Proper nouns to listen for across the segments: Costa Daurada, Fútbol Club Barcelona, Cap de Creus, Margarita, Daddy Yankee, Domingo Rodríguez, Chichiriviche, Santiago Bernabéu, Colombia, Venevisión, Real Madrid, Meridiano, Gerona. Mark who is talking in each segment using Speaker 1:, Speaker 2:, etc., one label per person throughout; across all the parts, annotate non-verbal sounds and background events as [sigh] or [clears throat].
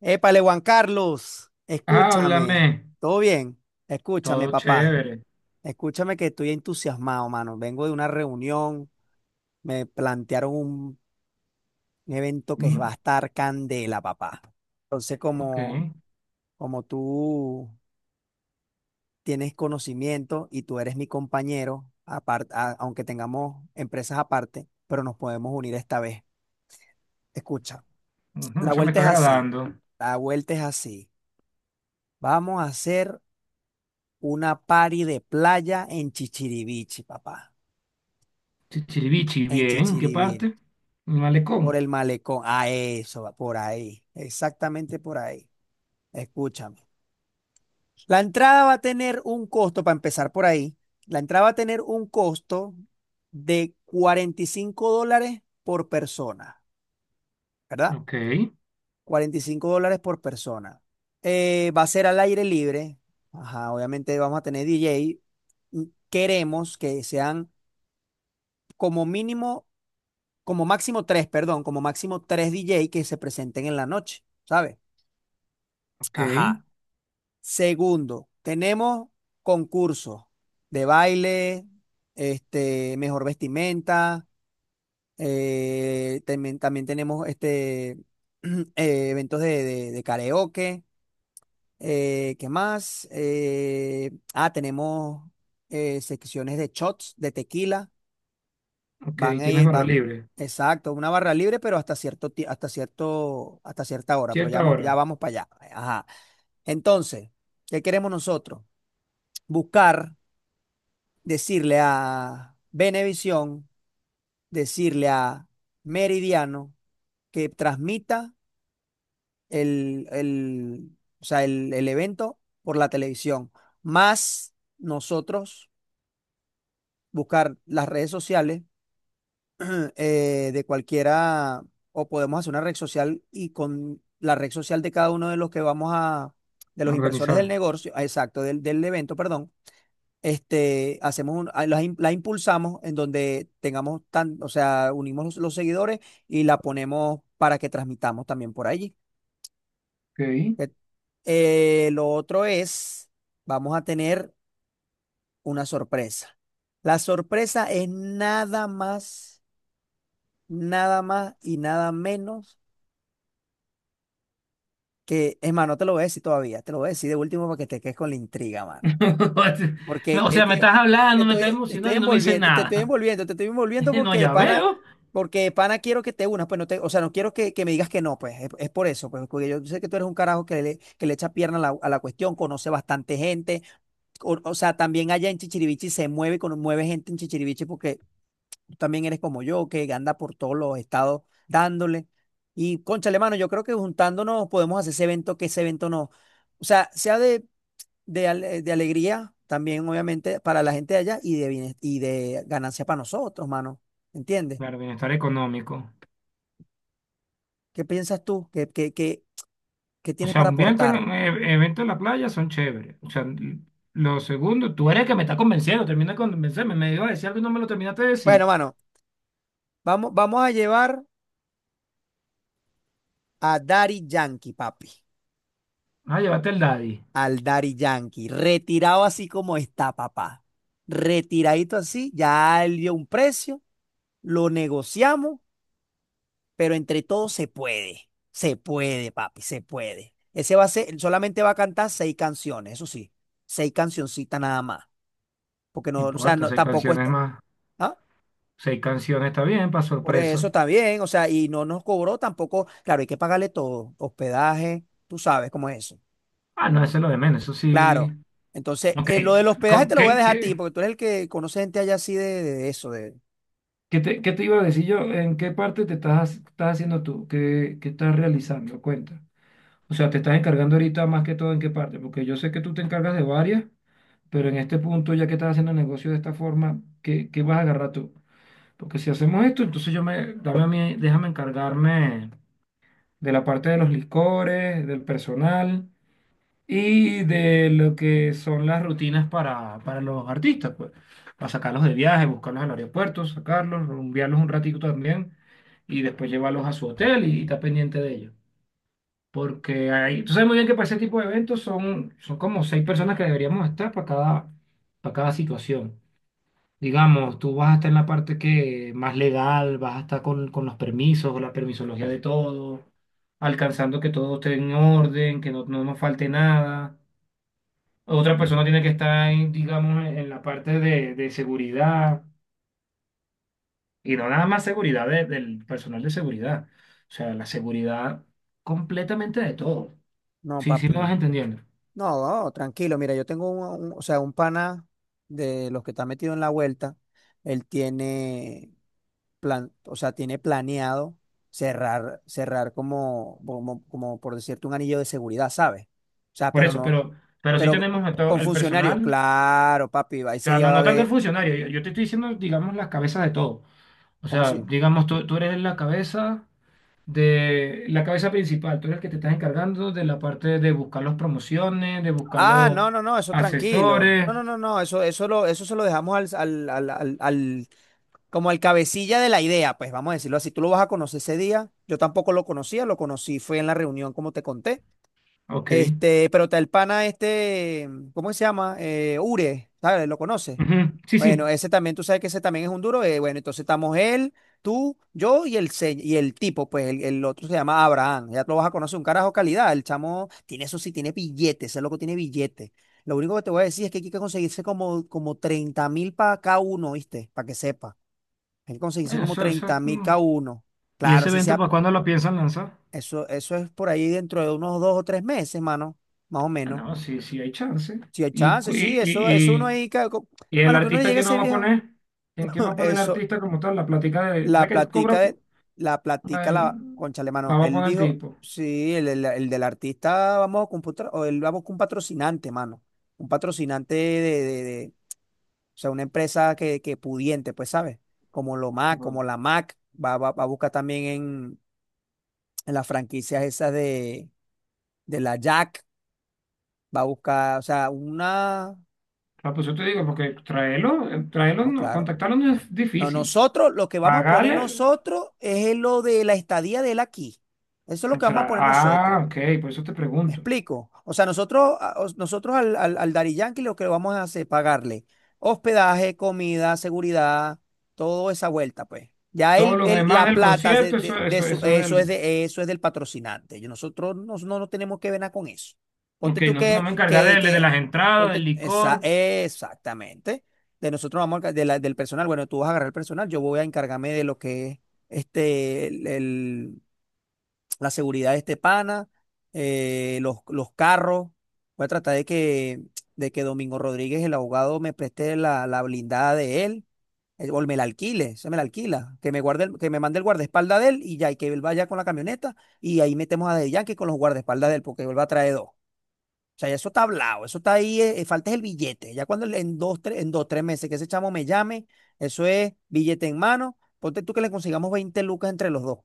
Speaker 1: Épale, Juan Carlos,
Speaker 2: Háblame,
Speaker 1: escúchame, ¿todo bien? Escúchame,
Speaker 2: todo
Speaker 1: papá,
Speaker 2: chévere.
Speaker 1: escúchame que estoy entusiasmado, mano. Vengo de una reunión, me plantearon un evento que va
Speaker 2: Mm,
Speaker 1: a estar candela, papá. Entonces,
Speaker 2: ok,
Speaker 1: como, como tú tienes conocimiento y tú eres mi compañero, aunque tengamos empresas aparte, pero nos podemos unir esta vez. Escucha,
Speaker 2: ujú,
Speaker 1: la
Speaker 2: eso me
Speaker 1: vuelta
Speaker 2: está
Speaker 1: es así,
Speaker 2: agradando.
Speaker 1: la vuelta es así. Vamos a hacer una party de playa en Chichiriviche, papá,
Speaker 2: Chichiribichi,
Speaker 1: en
Speaker 2: bien, ¿qué
Speaker 1: Chichiriviche,
Speaker 2: parte?
Speaker 1: por
Speaker 2: Malecón.
Speaker 1: el malecón, a eso, va, por ahí, exactamente por ahí. Escúchame. La entrada va a tener un costo, para empezar por ahí, la entrada va a tener un costo de $45 por persona, ¿verdad?
Speaker 2: Ok,
Speaker 1: $45 por persona. Va a ser al aire libre. Ajá, obviamente vamos a tener DJ. Queremos que sean como mínimo como máximo tres, perdón, como máximo tres DJ que se presenten en la noche, ¿sabes?
Speaker 2: ok,
Speaker 1: Ajá. Segundo, tenemos concursos de baile, este, mejor vestimenta, también, también tenemos este, [clears throat] eventos de karaoke, ¿qué más? Tenemos secciones de shots, de tequila.
Speaker 2: ok,
Speaker 1: Van a
Speaker 2: tienes
Speaker 1: ir,
Speaker 2: barra
Speaker 1: van,
Speaker 2: libre.
Speaker 1: exacto, una barra libre, pero hasta cierto, hasta cierta hora, pero ya,
Speaker 2: Cierta
Speaker 1: ya
Speaker 2: hora,
Speaker 1: vamos para allá. Ajá. Entonces, ¿qué queremos nosotros? Buscar, decirle a Venevisión, decirle a Meridiano que transmita o sea, el evento por la televisión, más nosotros buscar las redes sociales [clears throat] de cualquiera, o podemos hacer una red social y con la red social de cada uno de los que vamos a, de
Speaker 2: a
Speaker 1: los inversores del
Speaker 2: organizar.
Speaker 1: negocio, ah, exacto, del evento, perdón, este, hacemos un, ah, la impulsamos en donde tengamos tan, o sea, unimos los seguidores y la ponemos para que transmitamos también por allí.
Speaker 2: Ok.
Speaker 1: Eh, lo otro es, vamos a tener una sorpresa. La sorpresa es nada más, nada más y nada menos. Que, es más, no te lo voy a decir todavía, te lo voy a decir de último para que te quedes con la intriga, mano.
Speaker 2: [laughs]
Speaker 1: Porque
Speaker 2: O
Speaker 1: es
Speaker 2: sea, me
Speaker 1: que
Speaker 2: estás hablando, me estás
Speaker 1: te estoy
Speaker 2: emocionando y no me dices
Speaker 1: envolviendo, te estoy
Speaker 2: nada.
Speaker 1: envolviendo, te estoy envolviendo
Speaker 2: [laughs] No, ya veo.
Speaker 1: porque de pana quiero que te unas, pues no te, o sea, no quiero que me digas que no, pues es por eso, pues porque yo sé que tú eres un carajo que le echa pierna a la cuestión, conoce bastante gente, o sea, también allá en Chichiriviche se mueve, con mueve gente en Chichiriviche porque tú también eres como yo, que anda por todos los estados dándole. Y cónchale, mano, yo creo que juntándonos podemos hacer ese evento, que ese evento no, o sea, sea de alegría también, obviamente, para la gente de allá y y de ganancia para nosotros, mano. ¿Entiendes?
Speaker 2: Claro, bienestar económico.
Speaker 1: ¿Qué piensas tú? ¿Qué
Speaker 2: O
Speaker 1: tienes
Speaker 2: sea,
Speaker 1: para
Speaker 2: eventos en,
Speaker 1: aportar?
Speaker 2: evento en la playa son chéveres. O sea, lo segundo, tú eres el que me está convenciendo, termina de convencerme. Me iba a decir algo y no me lo terminaste de
Speaker 1: Bueno,
Speaker 2: decir.
Speaker 1: mano, vamos a llevar a Daddy Yankee, papi.
Speaker 2: Ah, llévate el Daddy.
Speaker 1: Al Daddy Yankee, retirado así como está, papá, retiradito así, ya él dio un precio, lo negociamos, pero entre todos se puede. Se puede, papi, se puede. Ese va a ser, solamente va a cantar seis canciones, eso sí, seis cancioncitas nada más. Porque
Speaker 2: No
Speaker 1: no, o sea,
Speaker 2: importa,
Speaker 1: no,
Speaker 2: seis
Speaker 1: tampoco
Speaker 2: canciones
Speaker 1: está.
Speaker 2: más.
Speaker 1: ¿Ah?
Speaker 2: Seis canciones está bien, para
Speaker 1: Por eso
Speaker 2: sorpresa.
Speaker 1: está bien, o sea, y no nos cobró tampoco. Claro, hay que pagarle todo, hospedaje, tú sabes cómo es eso.
Speaker 2: Ah, no, eso es lo de menos, eso sí.
Speaker 1: Claro. Entonces,
Speaker 2: Ok,
Speaker 1: lo del hospedaje
Speaker 2: ¿con
Speaker 1: te lo voy a
Speaker 2: qué,
Speaker 1: dejar a ti,
Speaker 2: qué,
Speaker 1: porque tú eres el que conoce gente allá así de eso, de.
Speaker 2: qué te, qué te iba a decir yo? ¿En qué parte te estás haciendo tú? ¿Qué estás realizando? Cuenta. O sea, te estás encargando ahorita más que todo en qué parte, porque yo sé que tú te encargas de varias, pero en este punto, ya que estás haciendo negocio de esta forma, ¿qué vas a agarrar tú? Porque si hacemos esto, entonces yo me, dame a mí, déjame encargarme de la parte de los licores, del personal y de lo que son las rutinas para los artistas, pues, para sacarlos de viaje, buscarlos al aeropuerto, sacarlos, rumbearlos un ratito también y después llevarlos a su hotel y estar pendiente de ellos. Porque ahí, tú sabes muy bien que para ese tipo de eventos son, son como seis personas que deberíamos estar para cada situación. Digamos, tú vas a estar en la parte que más legal, vas a estar con los permisos, con la permisología de todo, alcanzando que todo esté en orden, que no, no nos falte nada. Otra persona tiene que estar en, digamos, en la parte de seguridad y no nada más seguridad del personal de seguridad. O sea, la seguridad completamente de todo.
Speaker 1: No,
Speaker 2: Sí, sí
Speaker 1: papi.
Speaker 2: me vas entendiendo.
Speaker 1: No, tranquilo. Mira, yo tengo o sea, un pana de los que está metido en la vuelta. Él tiene plan, o sea, tiene planeado cerrar, cerrar como, como, como por decirte, un anillo de seguridad, ¿sabes? O sea,
Speaker 2: Por
Speaker 1: pero
Speaker 2: eso,
Speaker 1: no,
Speaker 2: pero sí
Speaker 1: pero
Speaker 2: tenemos a todo
Speaker 1: con
Speaker 2: el
Speaker 1: funcionario,
Speaker 2: personal,
Speaker 1: claro, papi,
Speaker 2: o
Speaker 1: ese
Speaker 2: sea,
Speaker 1: día
Speaker 2: no,
Speaker 1: va a
Speaker 2: no tanto el
Speaker 1: haber,
Speaker 2: funcionario. Yo te estoy diciendo, digamos, las cabezas de todo. O
Speaker 1: ¿cómo
Speaker 2: sea,
Speaker 1: así?
Speaker 2: digamos, tú eres la cabeza de la cabeza principal, tú eres el que te estás encargando de la parte de buscar las promociones, de buscar
Speaker 1: Ah,
Speaker 2: los
Speaker 1: no, no, no, eso tranquilo. No,
Speaker 2: asesores.
Speaker 1: no, no, no, eso lo, eso se lo dejamos al... Como el cabecilla de la idea, pues vamos a decirlo así, tú lo vas a conocer ese día. Yo tampoco lo conocía, lo conocí, fue en la reunión, como te conté.
Speaker 2: Ok.
Speaker 1: Este, pero está el pana este, ¿cómo se llama? Ure, ¿sabes? ¿Lo conoces?
Speaker 2: Ujú. Sí,
Speaker 1: Bueno,
Speaker 2: sí.
Speaker 1: ese también, tú sabes que ese también es un duro. Bueno, entonces estamos él, tú, yo y y el tipo, pues el otro se llama Abraham. Ya tú lo vas a conocer, un carajo calidad. El chamo tiene eso sí, tiene billetes, ese loco tiene billetes. Lo único que te voy a decir es que aquí hay que conseguirse como, como 30.000 para cada uno, ¿viste? Para que sepa. Hay que conseguirse
Speaker 2: Bueno,
Speaker 1: como
Speaker 2: eso,
Speaker 1: 30.000
Speaker 2: mm.
Speaker 1: cada uno.
Speaker 2: ¿Y
Speaker 1: Claro,
Speaker 2: ese
Speaker 1: si
Speaker 2: evento
Speaker 1: sea,
Speaker 2: para cuándo lo piensan lanzar?
Speaker 1: eso es por ahí dentro de unos dos o tres meses, mano, más o
Speaker 2: Ah,
Speaker 1: menos.
Speaker 2: no, sí, sí hay chance.
Speaker 1: Si hay
Speaker 2: ¿Y,
Speaker 1: chance,
Speaker 2: cu- y,
Speaker 1: sí, eso
Speaker 2: y,
Speaker 1: uno
Speaker 2: y-
Speaker 1: ahí,
Speaker 2: y el
Speaker 1: mano, que uno le
Speaker 2: artista
Speaker 1: llegue a
Speaker 2: que no
Speaker 1: ese
Speaker 2: va a
Speaker 1: viejo.
Speaker 2: poner? ¿En quién va
Speaker 1: [laughs]
Speaker 2: a poner el
Speaker 1: Eso,
Speaker 2: artista como tal? La plática de... ¿Sabes
Speaker 1: la
Speaker 2: que cobra?
Speaker 1: platica de,
Speaker 2: Po.
Speaker 1: la platica
Speaker 2: Ay,
Speaker 1: la, cónchale, mano,
Speaker 2: la va a
Speaker 1: él
Speaker 2: poner el
Speaker 1: dijo,
Speaker 2: tipo.
Speaker 1: sí, el del artista vamos a computar o él vamos con un patrocinante, mano. Un patrocinante o sea, una empresa que pudiente, pues, ¿sabes? Como lo Mac,
Speaker 2: Tipo,
Speaker 1: como la Mac, va a buscar también en las franquicias esas de la Jack, va a buscar, o sea, una,
Speaker 2: ah, pues yo te digo, porque traerlo, traerlo,
Speaker 1: no,
Speaker 2: no,
Speaker 1: claro.
Speaker 2: contactarlo no es
Speaker 1: No,
Speaker 2: difícil.
Speaker 1: nosotros, lo que vamos a poner
Speaker 2: Pagarle,
Speaker 1: nosotros es lo de la estadía de él aquí. Eso es lo
Speaker 2: o
Speaker 1: que vamos
Speaker 2: sea,
Speaker 1: a poner
Speaker 2: ah,
Speaker 1: nosotros.
Speaker 2: ok, por eso te
Speaker 1: ¿Me
Speaker 2: pregunto.
Speaker 1: explico? O sea, nosotros, nosotros al Daddy Yankee lo que lo vamos a hacer es pagarle hospedaje, comida, seguridad, toda esa vuelta, pues. Ya
Speaker 2: Todo
Speaker 1: él,
Speaker 2: lo demás
Speaker 1: la
Speaker 2: del
Speaker 1: plata
Speaker 2: concierto, eso,
Speaker 1: de
Speaker 2: eso,
Speaker 1: su,
Speaker 2: eso es
Speaker 1: eso es
Speaker 2: del.
Speaker 1: de, eso es del patrocinante. Nosotros no, no, no tenemos que ver nada con eso. Ponte
Speaker 2: Ok,
Speaker 1: tú
Speaker 2: nosotros nos vamos a encargar de
Speaker 1: que,
Speaker 2: las entradas, del
Speaker 1: ponte, esa,
Speaker 2: licor.
Speaker 1: exactamente. De nosotros vamos a, del personal. Bueno, tú vas a agarrar el personal, yo voy a encargarme de lo que es este, el, la seguridad de este pana, los carros. Voy a tratar de que Domingo Rodríguez, el abogado, me preste la, la blindada de él, o me la alquile, se me la alquila, que me guarde, que me mande el guardaespaldas de él y ya, y que él vaya con la camioneta y ahí metemos a The Yankee con los guardaespaldas de él, porque él va a traer dos. O sea, ya eso está hablado, eso está ahí, falta es el billete. Ya cuando en dos, tres meses que ese chamo me llame, eso es billete en mano. Ponte tú que le consigamos 20 lucas entre los dos.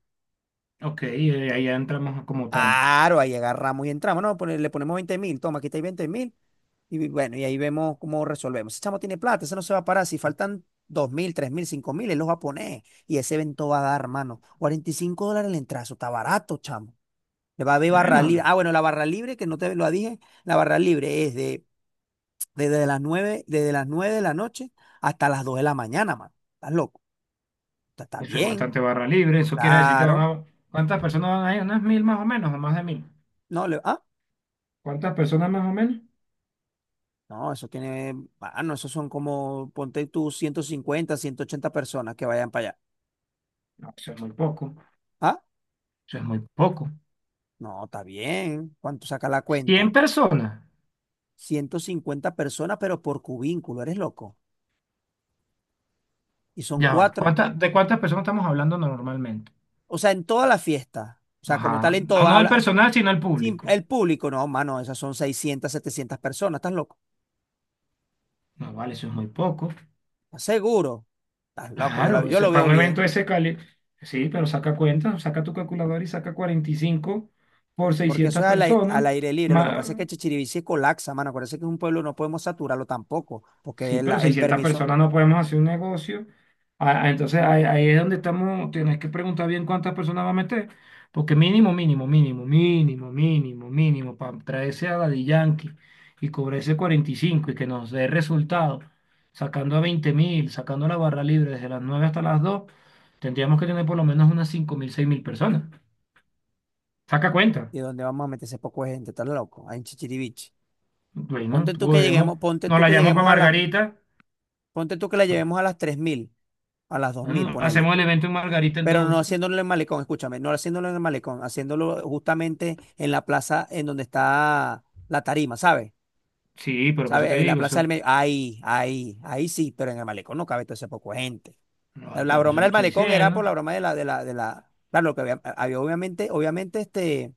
Speaker 2: Ok, ahí ya entramos como tal.
Speaker 1: Claro, ahí agarramos y entramos, no, le ponemos 20.000, toma, aquí está 20.000, y bueno, y ahí vemos cómo resolvemos. Ese chamo tiene plata, ese no se va a parar, si faltan 2.000, 3.000, 5.000, él los va a poner, y ese evento va a dar, hermano, $45 el entrazo, está barato, chamo. Le va a haber barra libre,
Speaker 2: Bueno,
Speaker 1: ah, bueno, la barra libre, que no te lo dije, la barra libre es de, desde las 9 de la noche hasta las 2 de la mañana, mano, estás loco, está
Speaker 2: eso es
Speaker 1: bien,
Speaker 2: bastante barra libre. Eso quiere decir que van
Speaker 1: claro,
Speaker 2: a... ¿Cuántas personas van a ir? Unas mil más o menos, o más de mil.
Speaker 1: no, le, ah.
Speaker 2: ¿Cuántas personas más o menos?
Speaker 1: No, eso tiene, ah, no, esos son como, ponte tú 150, 180 personas que vayan para allá.
Speaker 2: No, eso es muy poco.
Speaker 1: Ah,
Speaker 2: Eso es muy poco.
Speaker 1: no, está bien. ¿Cuánto saca la
Speaker 2: Cien
Speaker 1: cuenta?
Speaker 2: personas.
Speaker 1: 150 personas, pero por cubínculo, eres loco. Y son
Speaker 2: Ya va.
Speaker 1: cuatro.
Speaker 2: ¿Cuántas, de cuántas personas estamos hablando normalmente?
Speaker 1: O sea, en toda la fiesta. O sea, como tal,
Speaker 2: Ajá.
Speaker 1: en
Speaker 2: No,
Speaker 1: toda,
Speaker 2: no el personal, sino el público.
Speaker 1: el público, no, mano, esas son 600 700 personas, ¿estás loco?
Speaker 2: No, vale, eso es muy poco.
Speaker 1: ¿Estás seguro? Estás loco,
Speaker 2: Claro,
Speaker 1: yo
Speaker 2: eso,
Speaker 1: lo
Speaker 2: para
Speaker 1: veo
Speaker 2: un evento
Speaker 1: bien.
Speaker 2: de ese cali, sí, pero saca cuenta, saca tu calculadora y saca 45 por
Speaker 1: Porque eso
Speaker 2: 600
Speaker 1: es al, al
Speaker 2: personas.
Speaker 1: aire libre. Lo que pasa es que Chichirivici colapsa, mano. Acuérdense que es un pueblo, no podemos saturarlo tampoco, porque
Speaker 2: Sí, pero
Speaker 1: el
Speaker 2: 600
Speaker 1: permiso.
Speaker 2: personas no podemos hacer un negocio. Ah, ah, entonces ahí, ahí es donde estamos, tienes que preguntar bien cuántas personas va a meter, porque mínimo, mínimo, mínimo, mínimo, mínimo, mínimo, para traerse a Daddy Yankee y cobrarse cuarenta y cinco y que nos dé resultado, sacando a 20 mil, sacando la barra libre desde las 9 hasta las 2, tendríamos que tener por lo menos unas 5 mil, 6 mil personas. Saca cuenta.
Speaker 1: ¿Y dónde vamos a meter ese poco de gente? Estás loco, ahí en Chichiriviche.
Speaker 2: Bueno, podremos,
Speaker 1: Ponte
Speaker 2: nos
Speaker 1: tú
Speaker 2: la
Speaker 1: que
Speaker 2: llamo para
Speaker 1: lleguemos a las,
Speaker 2: Margarita.
Speaker 1: ponte tú que la llevemos a las 3.000, a las 2.000,
Speaker 2: Bueno,
Speaker 1: ponele.
Speaker 2: hacemos el evento en Margarita
Speaker 1: Pero no
Speaker 2: entonces.
Speaker 1: haciéndolo en el malecón, escúchame, no haciéndolo en el malecón, haciéndolo justamente en la plaza en donde está la tarima, ¿sabes?
Speaker 2: Sí, pero por eso
Speaker 1: ¿Sabes?
Speaker 2: te
Speaker 1: En la
Speaker 2: digo,
Speaker 1: plaza del
Speaker 2: eso.
Speaker 1: medio. Ahí, ahí, ahí sí, pero en el malecón no cabe todo ese poco de gente.
Speaker 2: No,
Speaker 1: La
Speaker 2: pero por eso
Speaker 1: broma
Speaker 2: te
Speaker 1: del
Speaker 2: estoy
Speaker 1: malecón era por
Speaker 2: diciendo.
Speaker 1: la broma de la, claro, lo que había, había obviamente, obviamente, este,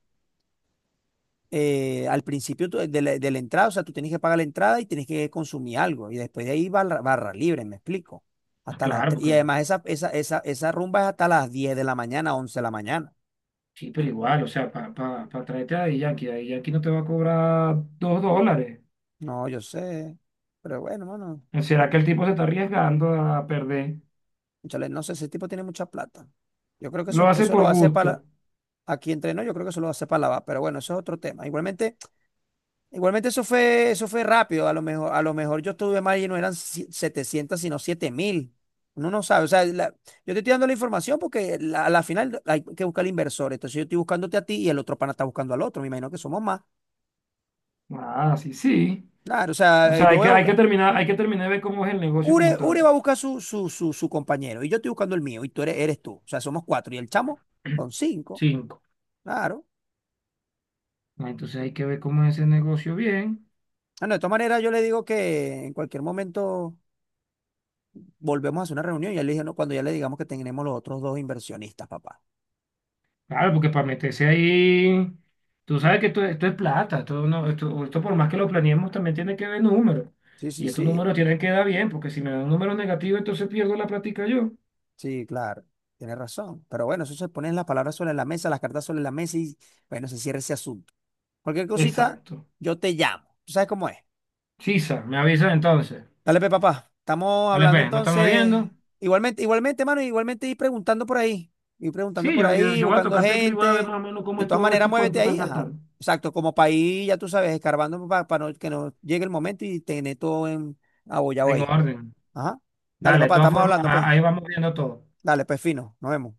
Speaker 1: al principio de la entrada, o sea, tú tienes que pagar la entrada y tienes que consumir algo. Y después de ahí barra libre, me explico.
Speaker 2: Ah, claro,
Speaker 1: Y
Speaker 2: porque eso.
Speaker 1: además esa rumba es hasta las 10 de la mañana, 11 de la mañana.
Speaker 2: Sí, pero igual, o sea, para pa, pa pa traerte a Daddy Yankee, Daddy Yankee no te va a cobrar dos dólares.
Speaker 1: No, yo sé. Pero bueno, mano,
Speaker 2: ¿No, será que el tipo se está arriesgando a perder?
Speaker 1: cónchale, no sé, ese tipo tiene mucha plata. Yo creo
Speaker 2: Lo hace
Speaker 1: eso lo
Speaker 2: por
Speaker 1: va a hacer para,
Speaker 2: gusto.
Speaker 1: aquí entre nos, yo creo que eso lo va a hacer para lavar. Pero bueno, eso es otro tema. Igualmente, igualmente eso fue rápido. A lo mejor yo estuve mal y no eran setecientos, sino 7.000. Uno no sabe. O sea, yo te estoy dando la información porque a la final hay que buscar el inversor. Entonces yo estoy buscándote a ti y el otro pana está buscando al otro. Me imagino que somos más.
Speaker 2: Ah, sí, sí.
Speaker 1: Claro, o
Speaker 2: O
Speaker 1: sea,
Speaker 2: sea,
Speaker 1: yo
Speaker 2: hay
Speaker 1: voy
Speaker 2: que,
Speaker 1: a
Speaker 2: hay que
Speaker 1: buscar.
Speaker 2: terminar, hay que terminar de ver cómo es el negocio
Speaker 1: Ure,
Speaker 2: como
Speaker 1: Ure
Speaker 2: tal.
Speaker 1: va a buscar su compañero y yo estoy buscando el mío y tú eres, eres tú. O sea, somos cuatro y el chamo con
Speaker 2: [clears throat]
Speaker 1: cinco.
Speaker 2: Cinco.
Speaker 1: Claro.
Speaker 2: Ah, entonces hay que ver cómo es ese negocio bien.
Speaker 1: Ah, no, de todas maneras yo le digo que en cualquier momento volvemos a hacer una reunión y ya le dije, no, cuando ya le digamos que tenemos los otros dos inversionistas, papá.
Speaker 2: Claro, porque para meterse ahí, tú sabes que esto es plata, esto, no, esto por más que lo planeemos también tiene que ver números.
Speaker 1: Sí, sí,
Speaker 2: Y estos
Speaker 1: sí,
Speaker 2: números tienen que dar bien, porque si me dan un número negativo, entonces pierdo la plática yo.
Speaker 1: sí, claro, tienes razón. Pero bueno, eso se ponen las palabras sobre la mesa, las cartas sobre la mesa y bueno, se cierra ese asunto. Cualquier cosita,
Speaker 2: Exacto.
Speaker 1: yo te llamo. ¿Tú sabes cómo es?
Speaker 2: Sisa, me avisa entonces.
Speaker 1: Dale, pe, papá. Estamos
Speaker 2: Vale,
Speaker 1: hablando
Speaker 2: pues, ¿nos estamos
Speaker 1: entonces.
Speaker 2: viendo?
Speaker 1: Igualmente, igualmente, mano, igualmente ir preguntando por ahí. Ir preguntando
Speaker 2: Sí,
Speaker 1: por
Speaker 2: yo, yo,
Speaker 1: ahí,
Speaker 2: yo voy a
Speaker 1: buscando
Speaker 2: tocar tecla y voy a ver
Speaker 1: gente.
Speaker 2: más o menos cómo
Speaker 1: De
Speaker 2: es
Speaker 1: todas
Speaker 2: todo esto
Speaker 1: maneras,
Speaker 2: y
Speaker 1: muévete
Speaker 2: cuánto están
Speaker 1: ahí. Ajá.
Speaker 2: gastando.
Speaker 1: Exacto, como país, ya tú sabes, escarbando para, que nos llegue el momento y tener todo en abollado
Speaker 2: En
Speaker 1: ahí.
Speaker 2: orden.
Speaker 1: Ajá. Dale,
Speaker 2: Dale, de
Speaker 1: papá,
Speaker 2: todas
Speaker 1: estamos
Speaker 2: formas,
Speaker 1: hablando, pues.
Speaker 2: ahí vamos viendo todo.
Speaker 1: Dale, pues fino, nos vemos.